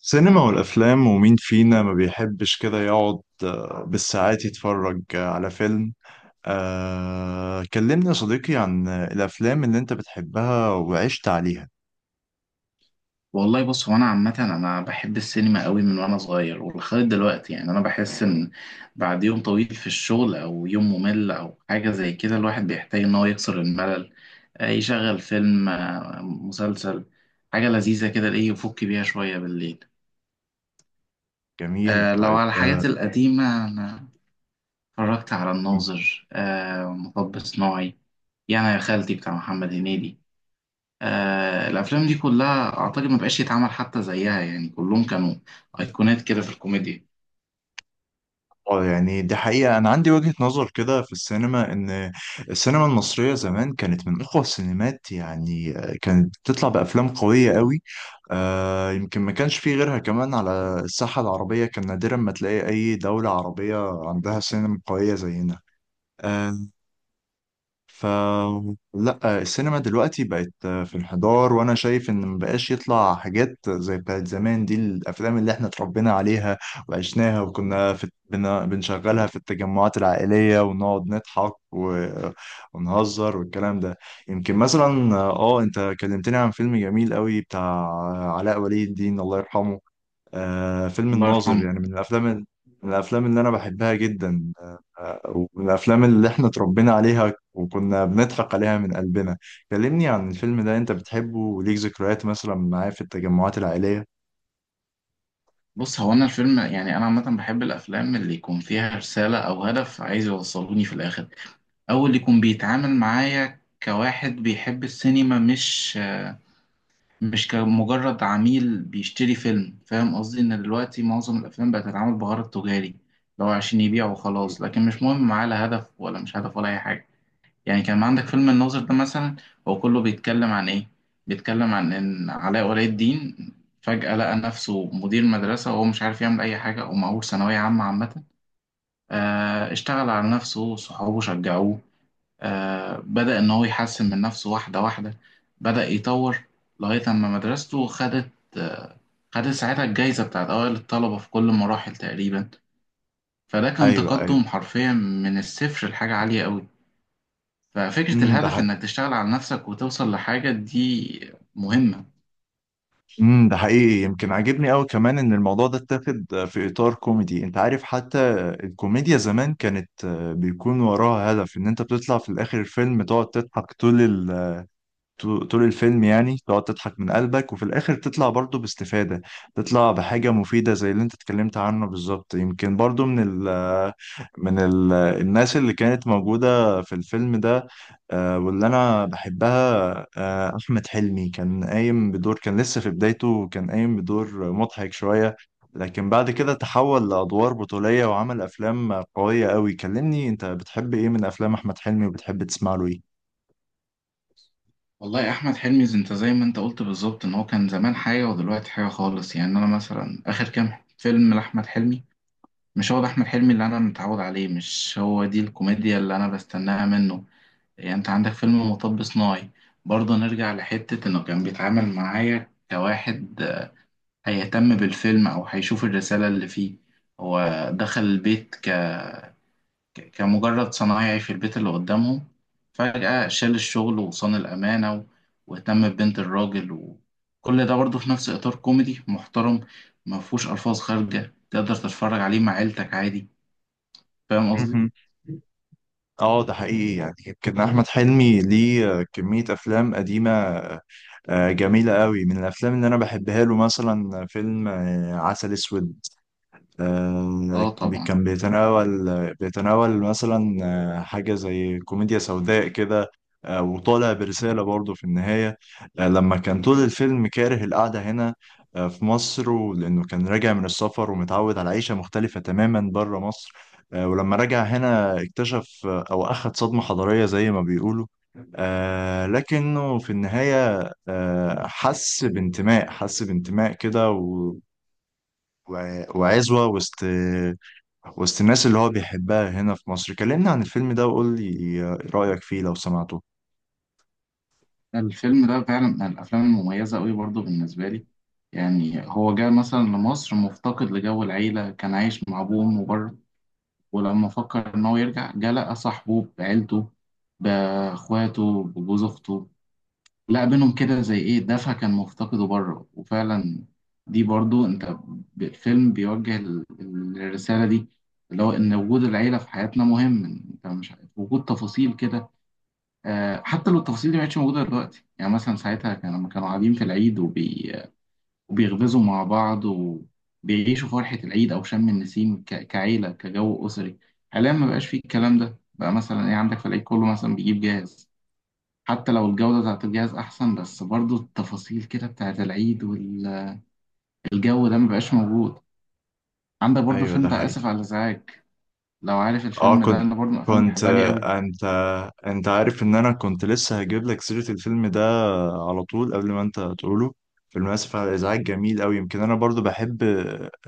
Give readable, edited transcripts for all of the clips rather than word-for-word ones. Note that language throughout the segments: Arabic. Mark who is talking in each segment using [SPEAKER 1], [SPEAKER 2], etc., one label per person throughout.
[SPEAKER 1] سينما والأفلام، ومين فينا ما بيحبش كده يقعد بالساعات يتفرج على فيلم. كلمني يا صديقي عن الأفلام اللي أنت بتحبها وعشت عليها.
[SPEAKER 2] والله بص هو انا عامه انا بحب السينما قوي من وانا صغير ولغايه دلوقتي، يعني انا بحس ان بعد يوم طويل في الشغل او يوم ممل او حاجه زي كده الواحد بيحتاج ان هو يكسر الملل، يشغل فيلم، مسلسل، حاجه لذيذه كده ايه يفك بيها شويه بالليل.
[SPEAKER 1] جميل،
[SPEAKER 2] لو
[SPEAKER 1] طيب.
[SPEAKER 2] على الحاجات القديمه، انا اتفرجت على الناظر، مطب صناعي، يعني يا خالتي بتاع محمد هنيدي. آه، الافلام دي كلها اعتقد ما بقاش يتعمل حتى زيها، يعني كلهم كانوا ايقونات كده في الكوميديا.
[SPEAKER 1] اه يعني دي حقيقة، أنا عندي وجهة نظر كده في السينما، إن السينما المصرية زمان كانت من أقوى السينمات. يعني كانت بتطلع بأفلام قوية قوي. يمكن ما كانش فيه غيرها كمان على الساحة العربية. كان نادرا ما تلاقي أي دولة عربية عندها سينما قوية زينا. آه، ف لا، السينما دلوقتي بقت في انحدار، وانا شايف ان مبقاش يطلع حاجات زي بتاعت زمان. دي الافلام اللي احنا اتربينا عليها وعشناها، وكنا في بنشغلها في التجمعات العائلية، ونقعد نضحك ونهزر والكلام ده. يمكن مثلا، انت كلمتني عن فيلم جميل قوي بتاع علاء ولي الدين، الله يرحمه. فيلم
[SPEAKER 2] الله
[SPEAKER 1] الناظر
[SPEAKER 2] يرحمه.
[SPEAKER 1] يعني من من الافلام اللي انا بحبها جدا. آه ومن الافلام اللي احنا اتربينا عليها وكنا بنضحك عليها من قلبنا. كلمني عن الفيلم ده، انت بتحبه وليك ذكريات مثلا معاه في التجمعات العائلية؟
[SPEAKER 2] بص هو انا الفيلم يعني انا عامه بحب الافلام اللي يكون فيها رساله او هدف عايز يوصلوني في الاخر، او اللي يكون بيتعامل معايا كواحد بيحب السينما، مش كمجرد عميل بيشتري فيلم. فاهم قصدي؟ ان دلوقتي معظم الافلام بقت تتعامل بغرض تجاري، لو عشان يبيع وخلاص، لكن مش مهم معاه لا هدف ولا مش هدف ولا اي حاجه. يعني كان عندك فيلم الناظر ده مثلا، هو كله بيتكلم عن ايه؟ بيتكلم عن ان علاء ولي الدين فجأة لقى نفسه مدير مدرسة وهو مش عارف يعمل اي حاجة ومعهوش ثانوية عامة عامة. اشتغل على نفسه، صحابه شجعوه. بدأ ان هو يحسن من نفسه واحدة واحدة، بدأ يطور لغاية اما مدرسته خدت، آه، خدت ساعتها الجايزة بتاعت أوائل الطلبة في كل المراحل تقريبا. فده كان
[SPEAKER 1] ايوه،
[SPEAKER 2] تقدم
[SPEAKER 1] ايوه.
[SPEAKER 2] حرفيا من الصفر لحاجة عالية أوي. ففكرة
[SPEAKER 1] ده
[SPEAKER 2] الهدف
[SPEAKER 1] حقيقي.
[SPEAKER 2] إنك تشتغل على نفسك وتوصل لحاجة دي مهمة.
[SPEAKER 1] ده حقيقي. يمكن عاجبني قوي كمان ان الموضوع ده اتاخد في اطار كوميدي. انت عارف حتى الكوميديا زمان كانت بيكون وراها هدف، ان انت بتطلع في الاخر الفيلم تقعد تضحك طول الفيلم. يعني تقعد تضحك من قلبك، وفي الآخر تطلع برضو باستفادة، تطلع بحاجة مفيدة زي اللي انت اتكلمت عنه بالظبط. يمكن برضو ال من ال الناس اللي كانت موجودة في الفيلم ده. واللي أنا بحبها، أحمد حلمي، كان قايم بدور. كان لسه في بدايته، كان قايم بدور مضحك شوية، لكن بعد كده تحول لأدوار بطولية وعمل أفلام قوية قوي. كلمني، أنت بتحب إيه من أفلام أحمد حلمي، وبتحب تسمع له إيه؟
[SPEAKER 2] والله يا أحمد حلمي أنت زي ما أنت قلت بالظبط، إن هو كان زمان حاجة ودلوقتي حاجة خالص. يعني أنا مثلا آخر كام فيلم لأحمد حلمي، مش هو ده أحمد حلمي اللي أنا متعود عليه، مش هو دي الكوميديا اللي أنا بستناها منه. يعني أنت عندك فيلم مطب صناعي، برضه نرجع لحتة إنه كان بيتعامل معايا كواحد هيهتم بالفيلم أو هيشوف الرسالة اللي فيه. هو دخل البيت كمجرد صنايعي في البيت اللي قدامهم، فجأة شال الشغل وصان الأمانة واهتم ببنت الراجل، وكل ده برضه في نفس إطار كوميدي محترم. ما فيهوش ألفاظ خارجة، تقدر تتفرج عليه مع عيلتك عادي. فاهم قصدي؟
[SPEAKER 1] مهم. اه ده حقيقي. يعني يمكن احمد حلمي ليه كمية افلام قديمة جميلة قوي، من الافلام اللي انا بحبها له مثلا فيلم عسل اسود.
[SPEAKER 2] آه طبعا.
[SPEAKER 1] كان بيتناول مثلا حاجة زي كوميديا سوداء كده، وطالع برسالة برضه في النهاية. لما كان طول الفيلم كاره القعدة هنا في مصر، لأنه كان راجع من السفر ومتعود على عيشة مختلفة تماما بره مصر. ولما رجع هنا اكتشف، أو أخد صدمة حضارية زي ما بيقولوا. لكنه في النهاية حس بانتماء كده، وعزوة وسط الناس اللي هو بيحبها هنا في مصر. كلمني عن الفيلم ده، وقول لي رأيك فيه لو سمعته.
[SPEAKER 2] الفيلم ده فعلا من الأفلام المميزة أوي برضه بالنسبة لي. يعني هو جاء مثلا لمصر مفتقد لجو العيلة، كان عايش مع أبوه وأمه بره. ولما فكر إن هو يرجع جه لقى صاحبه بعيلته، بأخواته، بجوز أخته، لا بينهم كده زي ايه دفع كان مفتقده بره. وفعلا دي برضو انت، الفيلم بيوجه الرسالة دي، اللي هو ان وجود العيلة في حياتنا مهم. انت مش عارف وجود تفاصيل كده، حتى لو التفاصيل دي ما كانتش موجودة دلوقتي. يعني مثلا ساعتها كان لما كانوا قاعدين في العيد وبيغبزوا مع بعض وبيعيشوا فرحة العيد او شم النسيم، كعيلة كجو أسري. حاليا ما بقاش فيه الكلام ده، بقى مثلا ايه عندك في العيد كله مثلا بيجيب جاهز. حتى لو الجودة بتاعت الجهاز أحسن، بس برضو التفاصيل كده بتاعت العيد والجو ده مبقاش موجود. عندك برضو
[SPEAKER 1] ايوه،
[SPEAKER 2] الفيلم
[SPEAKER 1] ده
[SPEAKER 2] بتاع
[SPEAKER 1] حقيقي.
[SPEAKER 2] آسف على الإزعاج، لو عارف
[SPEAKER 1] اه
[SPEAKER 2] الفيلم ده،
[SPEAKER 1] كنت
[SPEAKER 2] أنا برضو من الأفلام اللي
[SPEAKER 1] كنت
[SPEAKER 2] بحبها ليه قوي.
[SPEAKER 1] انت عارف ان انا كنت لسه هجيب لك سيرة الفيلم ده على طول، قبل ما انت تقوله. فيلم اسف على الازعاج جميل قوي. يمكن انا برضو بحب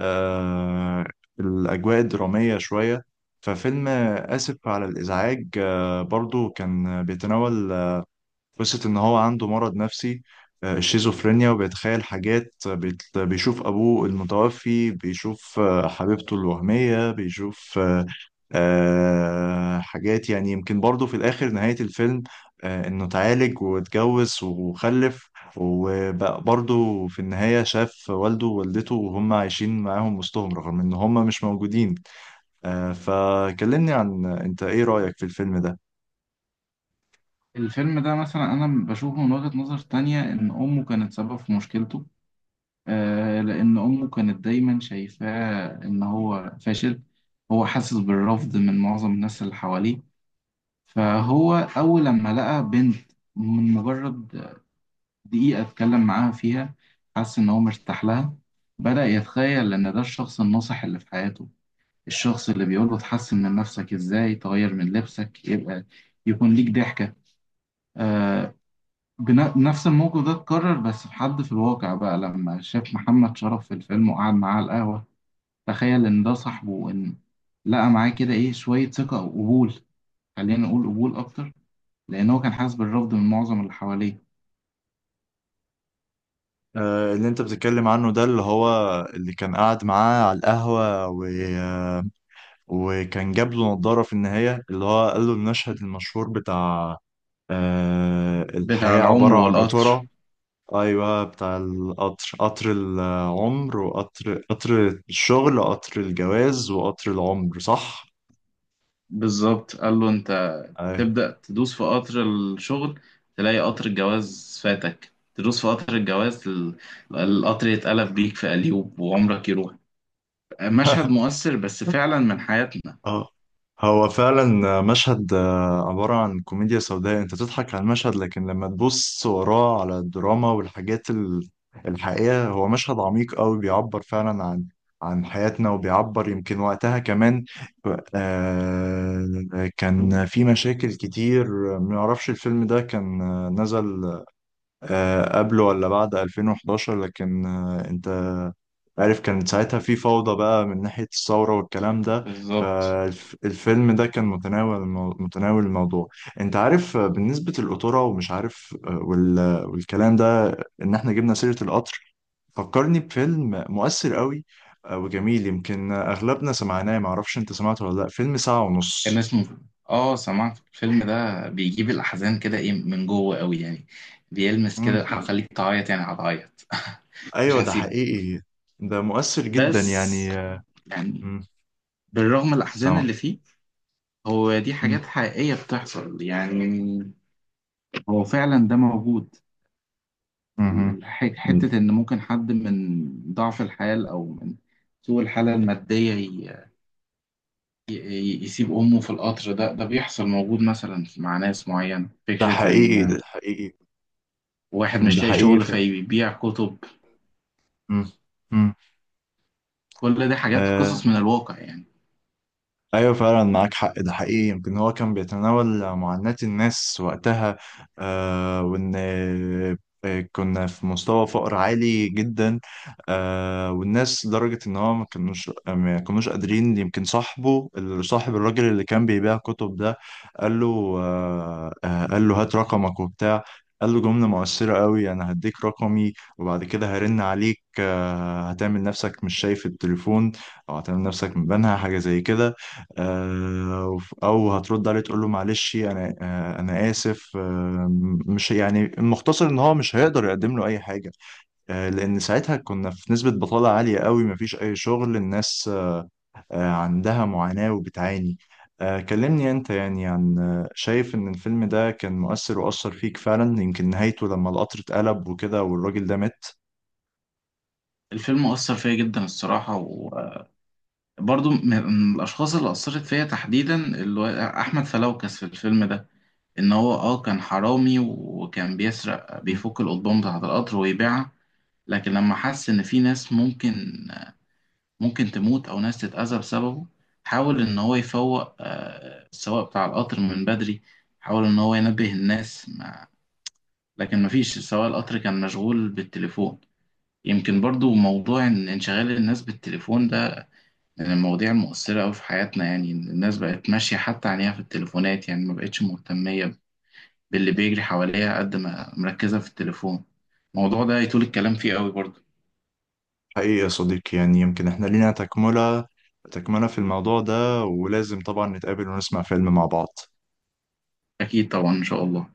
[SPEAKER 1] آه الاجواء الدرامية شوية. ففيلم اسف على الازعاج برضو كان بيتناول قصة إن هو عنده مرض نفسي، الشيزوفرينيا، وبيتخيل حاجات. بيشوف أبوه المتوفي، بيشوف حبيبته الوهمية، بيشوف حاجات. يعني يمكن برضه في الآخر نهاية الفيلم إنه اتعالج واتجوز وخلف، وبقى برضه في النهاية شاف والده ووالدته وهم عايشين معاهم وسطهم، رغم إن هم مش موجودين. فكلمني عن، أنت إيه رأيك في الفيلم ده؟
[SPEAKER 2] الفيلم ده مثلا أنا بشوفه من وجهة نظر تانية، إن أمه كانت سبب في مشكلته. آه، لأن أمه كانت دايما شايفاه إن هو فاشل، هو حاسس بالرفض من معظم الناس اللي حواليه. فهو أول لما لقى بنت، من مجرد دقيقة اتكلم معاها فيها، حس إن هو مرتاح لها. بدأ يتخيل إن ده الشخص الناصح اللي في حياته، الشخص اللي بيقوله تحسن من نفسك، إزاي تغير من لبسك، يبقى يكون ليك ضحكة. آه، نفس الموقف ده اتكرر بس في حد في الواقع، بقى لما شاف محمد شرف في الفيلم وقعد معاه على القهوة، تخيل إن ده صاحبه، وإن لقى معاه كده إيه شوية ثقة وقبول. خلينا نقول قبول أكتر، لأن هو كان حاسس بالرفض من معظم اللي حواليه.
[SPEAKER 1] اللي انت بتتكلم عنه ده، اللي هو اللي كان قاعد معاه على القهوة و... آه، وكان جاب له نضارة في النهاية، اللي هو قال له المشهد المشهور بتاع
[SPEAKER 2] بتاع
[SPEAKER 1] الحياة
[SPEAKER 2] العمر
[SPEAKER 1] عبارة عن
[SPEAKER 2] والقطر.
[SPEAKER 1] قطورة. أيوة، بتاع القطر. قطر العمر، وقطر الشغل، وقطر الجواز، وقطر العمر، صح؟
[SPEAKER 2] بالظبط، قال له انت
[SPEAKER 1] أيوة.
[SPEAKER 2] تبدأ تدوس في قطر الشغل، تلاقي قطر الجواز فاتك، تدوس في قطر الجواز، القطر يتقلب بيك في قليوب وعمرك يروح. مشهد مؤثر بس فعلا من حياتنا.
[SPEAKER 1] اه هو فعلا مشهد عبارة عن كوميديا سوداء. انت تضحك على المشهد، لكن لما تبص وراه على الدراما الحقيقة هو مشهد عميق قوي، بيعبر فعلا عن حياتنا، وبيعبر يمكن وقتها كمان كان في مشاكل كتير. ما اعرفش الفيلم ده كان نزل قبله ولا بعد 2011، لكن انت عارف كانت ساعتها في فوضى بقى من ناحية الثورة والكلام ده.
[SPEAKER 2] بالظبط
[SPEAKER 1] فالفيلم ده كان متناول متناول الموضوع، انت عارف، بالنسبة للقطورة، ومش عارف والكلام ده. ان احنا جبنا سيرة القطر، فكرني بفيلم مؤثر قوي وجميل. يمكن اغلبنا سمعناه، معرفش انت سمعته ولا لا، فيلم ساعة ونص.
[SPEAKER 2] كان اسمه. اه سمعت الفيلم ده، بيجيب الأحزان كده ايه من جوه قوي، يعني بيلمس
[SPEAKER 1] مم.
[SPEAKER 2] كده، هخليك تعيط يعني، هتعيط. مش
[SPEAKER 1] ايوه، ده
[SPEAKER 2] هسيب.
[SPEAKER 1] حقيقي. ده مؤثر جدا
[SPEAKER 2] بس
[SPEAKER 1] يعني.
[SPEAKER 2] يعني
[SPEAKER 1] مم.
[SPEAKER 2] بالرغم من الأحزان
[SPEAKER 1] سامع.
[SPEAKER 2] اللي فيه، هو دي
[SPEAKER 1] مم.
[SPEAKER 2] حاجات حقيقية بتحصل يعني، هو فعلا ده موجود.
[SPEAKER 1] مهم.
[SPEAKER 2] حتة إن ممكن حد من ضعف الحال أو من سوء الحالة المادية يسيب أمه في القطر ده، ده بيحصل موجود مثلا مع ناس معينة.
[SPEAKER 1] ده
[SPEAKER 2] فكرة
[SPEAKER 1] حقيقي،
[SPEAKER 2] إن
[SPEAKER 1] ده حقيقي،
[SPEAKER 2] واحد
[SPEAKER 1] ده
[SPEAKER 2] مش لاقي شغل
[SPEAKER 1] حقيقي.
[SPEAKER 2] فيبيع كتب،
[SPEAKER 1] مم. مم.
[SPEAKER 2] كل دي حاجات قصص
[SPEAKER 1] آه،
[SPEAKER 2] من الواقع يعني.
[SPEAKER 1] ايوه فعلا، معاك حق، ده حقيقي. يمكن هو كان بيتناول معاناة الناس وقتها، وان كنا في مستوى فقر عالي جدا والناس، لدرجة ان هو ما كانوش قادرين. يمكن صاحبه، صاحب الراجل اللي كان بيبيع كتب ده، قال له قال له هات رقمك وبتاع. قال له جملة مؤثرة قوي: انا هديك رقمي، وبعد كده هرن عليك، هتعمل نفسك مش شايف التليفون، او هتعمل نفسك مبانها حاجة زي كده، او هترد عليه تقول له معلش انا، انا اسف. مش يعني، المختصر ان هو مش هيقدر يقدم له اي حاجه. لان ساعتها كنا في نسبه بطاله عاليه قوي، مفيش اي شغل. الناس عندها معاناه وبتعاني. كلمني انت، يعني عن شايف ان الفيلم ده كان مؤثر واثر فيك فعلا، يمكن نهايته لما القطر اتقلب وكده والراجل ده مات.
[SPEAKER 2] الفيلم أثر فيا جدا الصراحة، وبرضو من الأشخاص اللي أثرت فيا تحديدا اللي هو أحمد فلوكس في الفيلم ده، إن هو أه كان حرامي وكان بيسرق، بيفك القضبان بتاعة القطر ويبيعها. لكن لما حس ان في ناس ممكن، ممكن تموت او ناس تتأذى بسببه، حاول ان هو يفوق السواق بتاع القطر من بدري، حاول ان هو ينبه الناس، ما لكن مفيش، سواق القطر كان مشغول بالتليفون. يمكن برضو موضوع إن انشغال الناس بالتليفون ده من المواضيع المؤثرة أوي في حياتنا، يعني إن الناس بقت ماشية حتى عينيها في التليفونات، يعني ما بقتش مهتمية باللي بيجري حواليها قد ما مركزة في التليفون. الموضوع ده يطول الكلام فيه أوي برضو.
[SPEAKER 1] حقيقي يا صديقي، يعني يمكن احنا لينا تكملة في الموضوع ده، ولازم طبعا نتقابل ونسمع فيلم مع بعض.
[SPEAKER 2] أكيد طبعا إن شاء الله.